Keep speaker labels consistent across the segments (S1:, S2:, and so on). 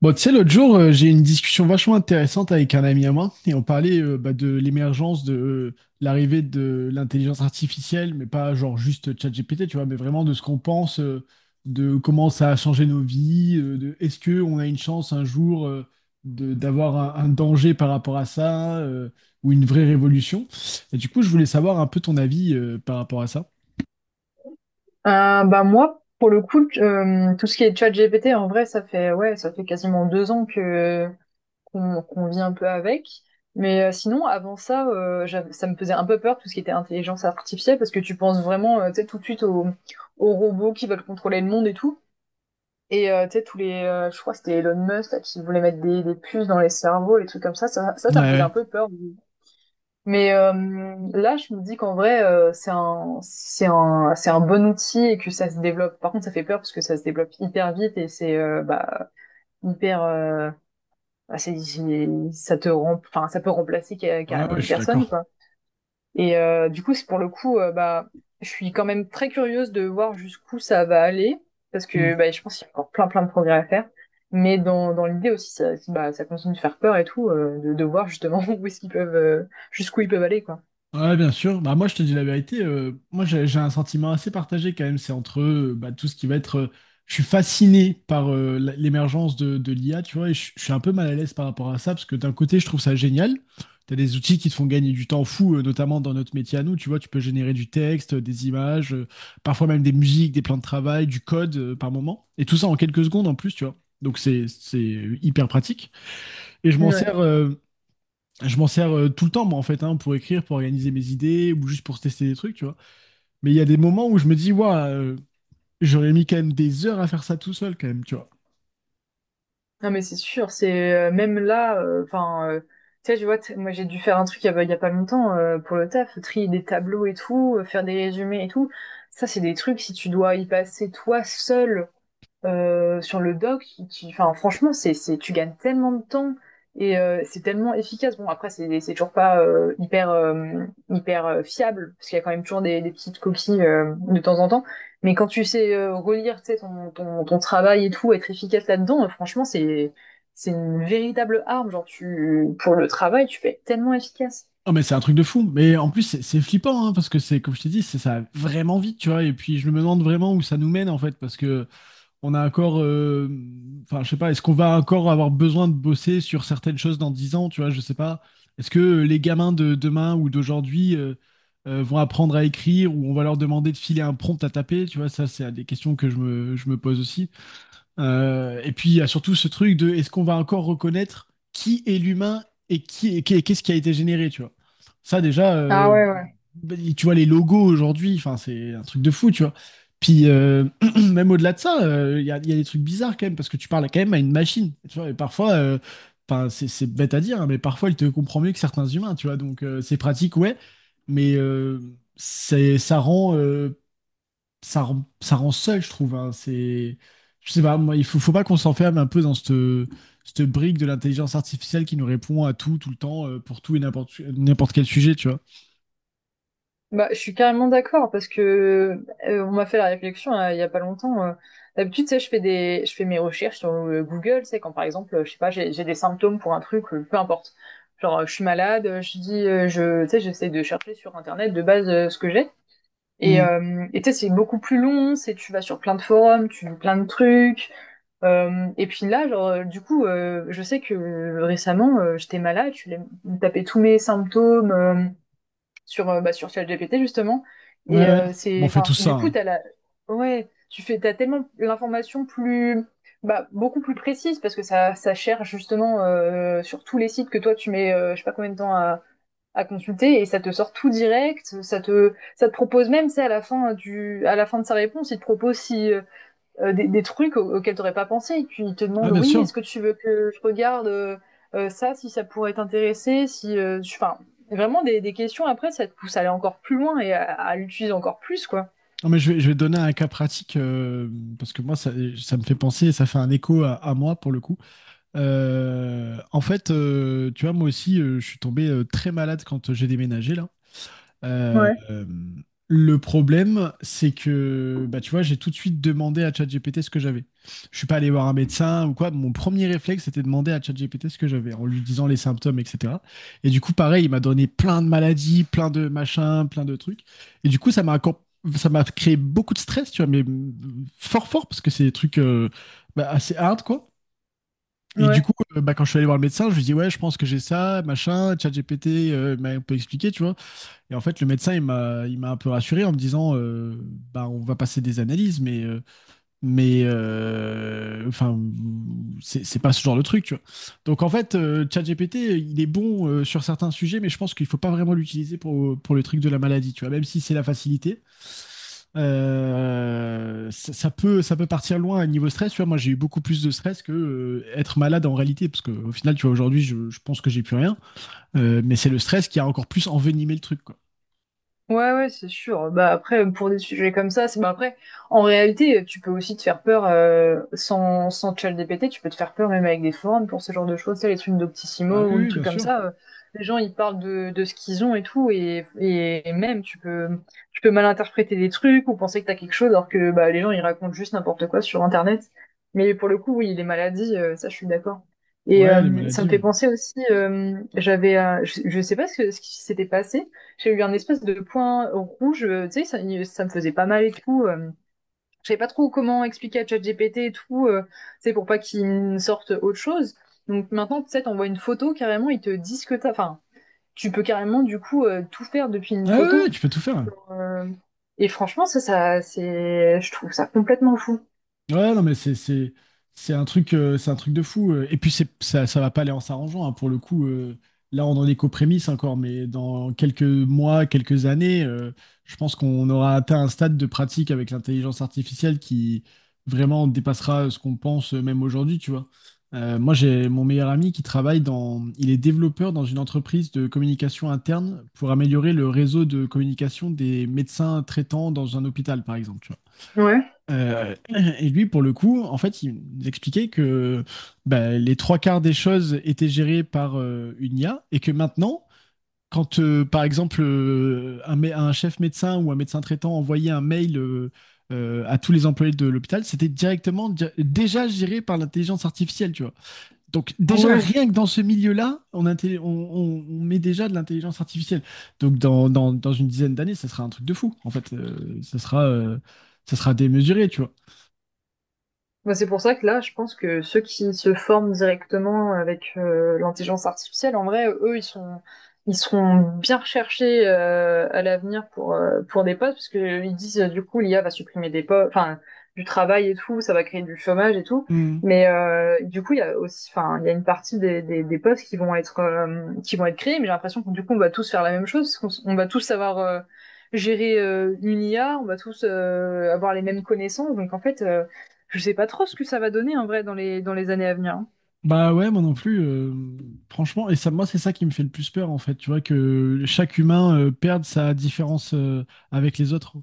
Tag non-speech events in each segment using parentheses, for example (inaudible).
S1: Bon, tu sais, l'autre jour, j'ai eu une discussion vachement intéressante avec un ami à moi et on parlait bah, de l'émergence de l'arrivée de l'intelligence artificielle, mais pas genre juste ChatGPT, tu vois, mais vraiment de ce qu'on pense, de comment ça a changé nos vies, de est-ce que on a une chance un jour de d'avoir un danger par rapport à ça, ou une vraie révolution. Et du coup, je voulais savoir un peu ton avis par rapport à ça.
S2: Bah moi, pour le coup, tout ce qui est ChatGPT, en vrai, ça fait ouais, ça fait quasiment 2 ans que qu'on vit un peu avec. Mais sinon, avant ça, ça me faisait un peu peur tout ce qui était intelligence artificielle parce que tu penses vraiment, tu sais, tout de suite aux robots qui veulent contrôler le monde et tout. Et tu sais, je crois que c'était Elon Musk là, qui voulait mettre des puces dans les cerveaux, les trucs comme ça.
S1: Ouais,
S2: Ça me faisait
S1: ouais,
S2: un peu peur. Mais là, je me dis qu'en vrai, c'est un bon outil et que ça se développe. Par contre, ça fait peur parce que ça se développe hyper vite et c'est bah, hyper, bah, c'est- ça te rem- enfin, ça peut remplacer
S1: ouais,
S2: carrément
S1: ouais, je
S2: une
S1: suis
S2: personne,
S1: d'accord.
S2: quoi. Et du coup, c'est pour le coup, je suis quand même très curieuse de voir jusqu'où ça va aller parce que bah, je pense qu'il y a encore plein de progrès à faire. Mais dans l'idée aussi, ça, bah, ça continue de faire peur et tout, de voir justement (laughs) où est-ce qu'ils peuvent, jusqu'où ils peuvent aller, quoi.
S1: Ouais, bien sûr. Bah, moi, je te dis la vérité. Moi, j'ai un sentiment assez partagé quand même. C'est entre bah, tout ce qui va être. Je suis fasciné par l'émergence de l'IA, tu vois, et je suis un peu mal à l'aise par rapport à ça, parce que d'un côté, je trouve ça génial. Tu as des outils qui te font gagner du temps fou, notamment dans notre métier à nous. Tu vois, tu peux générer du texte, des images, parfois même des musiques, des plans de travail, du code par moment. Et tout ça en quelques secondes en plus, tu vois. Donc, c'est hyper pratique. Et je m'en
S2: Ouais.
S1: sers, tout le temps, moi, en fait, hein, pour écrire, pour organiser mes idées ou juste pour tester des trucs, tu vois. Mais il y a des moments où je me dis, ouais, j'aurais mis quand même des heures à faire ça tout seul, quand même, tu vois.
S2: Non mais c'est sûr, c'est même là, enfin, tu sais, je vois, moi j'ai dû faire un truc il y a pas longtemps pour le taf, trier des tableaux et tout, faire des résumés et tout. Ça c'est des trucs si tu dois y passer toi seul sur le doc qui, enfin franchement c'est tu gagnes tellement de temps et c'est tellement efficace, bon après c'est toujours pas hyper fiable parce qu'il y a quand même toujours des petites coquilles de temps en temps, mais quand tu sais relire tu sais ton ton travail et tout être efficace là-dedans, franchement c'est une véritable arme, genre tu pour le travail tu peux être tellement efficace.
S1: Ah mais c'est un truc de fou. Mais en plus, c'est flippant, hein, parce que c'est, comme je t'ai dit, c'est ça va vraiment vite, tu vois. Et puis, je me demande vraiment où ça nous mène, en fait, parce que on a encore, enfin, je sais pas, est-ce qu'on va encore avoir besoin de bosser sur certaines choses dans 10 ans, tu vois, je sais pas. Est-ce que les gamins de demain ou d'aujourd'hui vont apprendre à écrire ou on va leur demander de filer un prompt à taper, tu vois, ça, c'est des questions que je me pose aussi. Et puis il y a surtout ce truc de est-ce qu'on va encore reconnaître qui est l'humain et qui et qu'est-ce qui a été généré, tu vois. Ça déjà,
S2: Ah ouais, ouais.
S1: bah, tu vois les logos aujourd'hui, enfin c'est un truc de fou, tu vois. Puis (clears throat) même au-delà de ça, il y a des trucs bizarres quand même parce que tu parles quand même à une machine, tu vois. Et parfois, enfin c'est bête à dire, hein, mais parfois elle te comprend mieux que certains humains, tu vois. Donc c'est pratique, ouais, mais c'est ça rend ça rend, ça rend seul, je trouve, hein. C'est, je sais pas, moi, il faut pas qu'on s'enferme un peu dans cette brique de l'intelligence artificielle qui nous répond à tout, tout le temps, pour tout et n'importe quel sujet, tu vois.
S2: Bah, je suis carrément d'accord parce que on m'a fait la réflexion il y a pas longtemps. D'habitude, tu sais, je fais mes recherches sur Google, c'est quand par exemple, je sais pas, j'ai des symptômes pour un truc, peu importe. Genre, je suis malade, tu sais, j'essaie de chercher sur Internet de base ce que j'ai.
S1: Mm.
S2: Et tu sais, c'est beaucoup plus long, c'est tu vas sur plein de forums, tu lis plein de trucs. Et puis là, genre, du coup, je sais que récemment, j'étais malade, je suis allée me taper tous mes symptômes, sur ChatGPT justement.
S1: Ouais,
S2: Et
S1: ouais. Bon, on fait tout ça,
S2: du coup,
S1: hein.
S2: ouais, t'as tellement l'information beaucoup plus précise parce que ça cherche justement sur tous les sites que toi tu mets, je sais pas combien de temps à consulter, et ça te sort tout direct. Ça te propose même, c'est à la fin à la fin de sa réponse, il te propose si, trucs auxquels t'aurais pas pensé. Et puis ils te
S1: Ah,
S2: demandent,
S1: bien
S2: oui, est-ce
S1: sûr.
S2: que tu veux que je regarde ça, si ça pourrait t'intéresser, si, tu... enfin, vraiment des questions. Après, ça te pousse à aller encore plus loin et à l'utiliser encore plus, quoi.
S1: Non, mais je vais te donner un cas pratique, parce que moi, ça me fait penser, ça fait un écho à moi pour le coup. En fait, tu vois, moi aussi, je suis tombé très malade quand j'ai déménagé là. Euh,
S2: Ouais.
S1: euh, le problème, c'est que, bah, tu vois, j'ai tout de suite demandé à ChatGPT ce que j'avais. Je suis pas allé voir un médecin ou quoi. Mon premier réflexe, c'était de demander à ChatGPT ce que j'avais, en lui disant les symptômes, etc. Et du coup, pareil, il m'a donné plein de maladies, plein de machins, plein de trucs. Et du coup, ça m'a créé beaucoup de stress, tu vois, mais fort fort parce que c'est des trucs bah, assez hard, quoi. Et du
S2: Ouais.
S1: coup, bah, quand je suis allé voir le médecin, je lui dis ouais, je pense que j'ai ça, machin, ChatGPT m'a un peu expliqué, tu vois. Et en fait, le médecin, il m'a un peu rassuré en me disant, bah, on va passer des analyses, mais enfin c'est pas ce genre de truc, tu vois. Donc en fait, ChatGPT il est bon sur certains sujets, mais je pense qu'il faut pas vraiment l'utiliser pour le truc de la maladie, tu vois, même si c'est la facilité. Ça peut partir loin à niveau stress, tu vois. Moi, j'ai eu beaucoup plus de stress que être malade en réalité, parce que au final, tu vois, aujourd'hui, je pense que j'ai plus rien. Mais c'est le stress qui a encore plus envenimé le truc, quoi.
S2: Ouais, ouais, c'est sûr. Bah après, pour des sujets comme ça, c'est bah après, en réalité, tu peux aussi te faire peur sans ChatGPT, tu peux te faire peur même avec des forums pour ce genre de choses, tu sais, les trucs
S1: Bah
S2: d'Optissimo
S1: oui,
S2: ou les
S1: oui,
S2: trucs
S1: bien
S2: comme
S1: sûr.
S2: ça. Les gens, ils parlent de ce qu'ils ont et tout, et et même tu peux mal interpréter des trucs ou penser que t'as quelque chose alors que bah les gens ils racontent juste n'importe quoi sur Internet. Mais pour le coup, oui, les maladies, ça, je suis d'accord. Et
S1: Ouais, les
S2: ça
S1: maladies,
S2: me fait
S1: ouais.
S2: penser aussi, je sais pas ce que- ce qui s'était passé, j'ai eu un espèce de point rouge, tu sais, ça me faisait pas mal et tout. Je savais pas trop comment expliquer à ChatGPT et tout, tu sais, pour pas qu'il me sorte autre chose. Donc maintenant, tu sais, t'envoies une photo carrément, ils te disent que t'as. Enfin, tu peux carrément du coup tout faire depuis une
S1: Ah ouais, ouais,
S2: photo.
S1: tu peux tout faire.
S2: Euh, et franchement, je trouve ça complètement fou.
S1: Ouais, non, mais c'est un truc de fou. Et puis c'est ça ça va pas aller en s'arrangeant, hein, pour le coup. Là, on en est qu'aux prémices encore, mais dans quelques mois, quelques années, je pense qu'on aura atteint un stade de pratique avec l'intelligence artificielle qui vraiment dépassera ce qu'on pense même aujourd'hui, tu vois. Moi, j'ai mon meilleur ami qui travaille dans, il est développeur dans une entreprise de communication interne pour améliorer le réseau de communication des médecins traitants dans un hôpital, par exemple.
S2: Ouais.
S1: Euh, et lui, pour le coup, en fait, il nous expliquait que bah, les trois quarts des choses étaient gérées par une IA et que maintenant, quand par exemple un chef médecin ou un médecin traitant envoyait un mail à tous les employés de l'hôpital, c'était directement déjà géré par l'intelligence artificielle, tu vois. Donc déjà,
S2: Ouais.
S1: rien que dans ce milieu-là, on, inté- on met déjà de l'intelligence artificielle. Donc dans, dans une dizaine d'années, ça sera un truc de fou. En fait, ça sera démesuré, tu vois.
S2: Bah, c'est pour ça que là, je pense que ceux qui se forment directement avec l'intelligence artificielle, en vrai, ils seront bien recherchés à l'avenir pour des postes, parce que ils disent du coup l'IA va supprimer des postes, enfin du travail et tout, ça va créer du chômage et tout.
S1: Hmm.
S2: Mais du coup, il y a aussi, enfin, il y a une partie des postes qui vont être créés, mais j'ai l'impression que du coup, on va tous faire la même chose, parce qu'on on va tous savoir gérer une IA, on va tous avoir les mêmes connaissances, donc en fait. Je sais pas trop ce que ça va donner en vrai dans les années à venir. Hein.
S1: Bah ouais, moi non plus. Franchement, et ça, moi, c'est ça qui me fait le plus peur, en fait. Tu vois, que chaque humain perde sa différence avec les autres.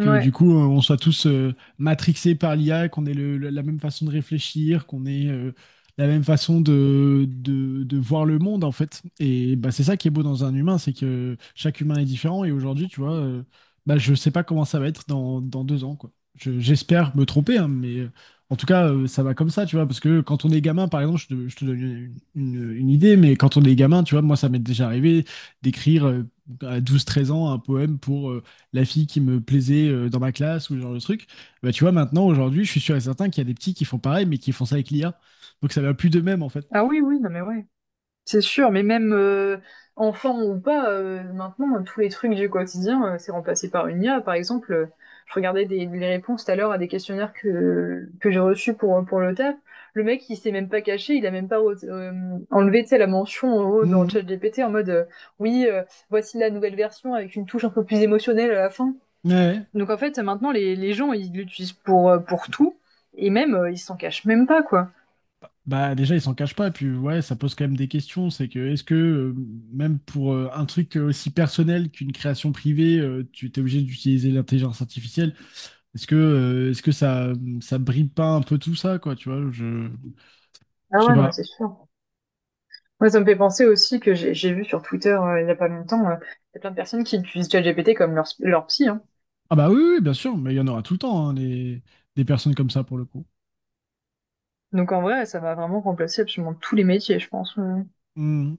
S1: Que du coup, on soit tous matrixés par l'IA, qu'on ait la même façon de réfléchir, qu'on ait la même façon de voir le monde, en fait. Et bah, c'est ça qui est beau dans un humain, c'est que chaque humain est différent. Et aujourd'hui, tu vois, bah, je sais pas comment ça va être dans 2 ans, quoi. J'espère me tromper, hein, mais en tout cas, ça va comme ça, tu vois. Parce que quand on est gamin, par exemple, je te donne une, une idée, mais quand on est gamin, tu vois, moi, ça m'est déjà arrivé d'écrire à 12 13 ans un poème pour la fille qui me plaisait dans ma classe ou ce genre de truc. Bah, tu vois, maintenant, aujourd'hui, je suis sûr et certain qu'il y a des petits qui font pareil, mais qui font ça avec l'IA. Donc ça va plus de même, en fait.
S2: Ah oui, oui, non mais ouais. C'est sûr, mais même enfant ou pas, maintenant, tous les trucs du quotidien, c'est remplacé par une IA. Par exemple, je regardais les réponses tout à l'heure à des questionnaires que j'ai reçus pour le taf. Le mec, il s'est même pas caché, il a même pas enlevé, tu sais, la mention en haut dans
S1: Mhm.
S2: ChatGPT en mode oui, voici la nouvelle version avec une touche un peu plus émotionnelle à la fin.
S1: Ouais.
S2: Donc en fait, maintenant, les gens, ils l'utilisent pour tout, et même, ils s'en cachent même pas, quoi.
S1: Bah, déjà, ils s'en cachent pas. Puis, ouais, ça pose quand même des questions. C'est que, est-ce que, même pour un truc aussi personnel qu'une création privée, tu t'es obligé d'utiliser l'intelligence artificielle? Est-ce que ça bride pas un peu tout ça, quoi, tu vois,
S2: Ah
S1: je sais
S2: ouais, non, mais
S1: pas.
S2: c'est sûr. Moi, ça me fait penser aussi que j'ai vu sur Twitter il y a pas longtemps, il y a plein de personnes qui utilisent ChatGPT comme leur psy. Hein.
S1: Ah bah oui, oui, bien sûr, mais il y en aura tout le temps, hein, des personnes comme ça, pour le coup.
S2: Donc en vrai, ça va vraiment remplacer absolument tous les métiers, je pense.
S1: Mmh.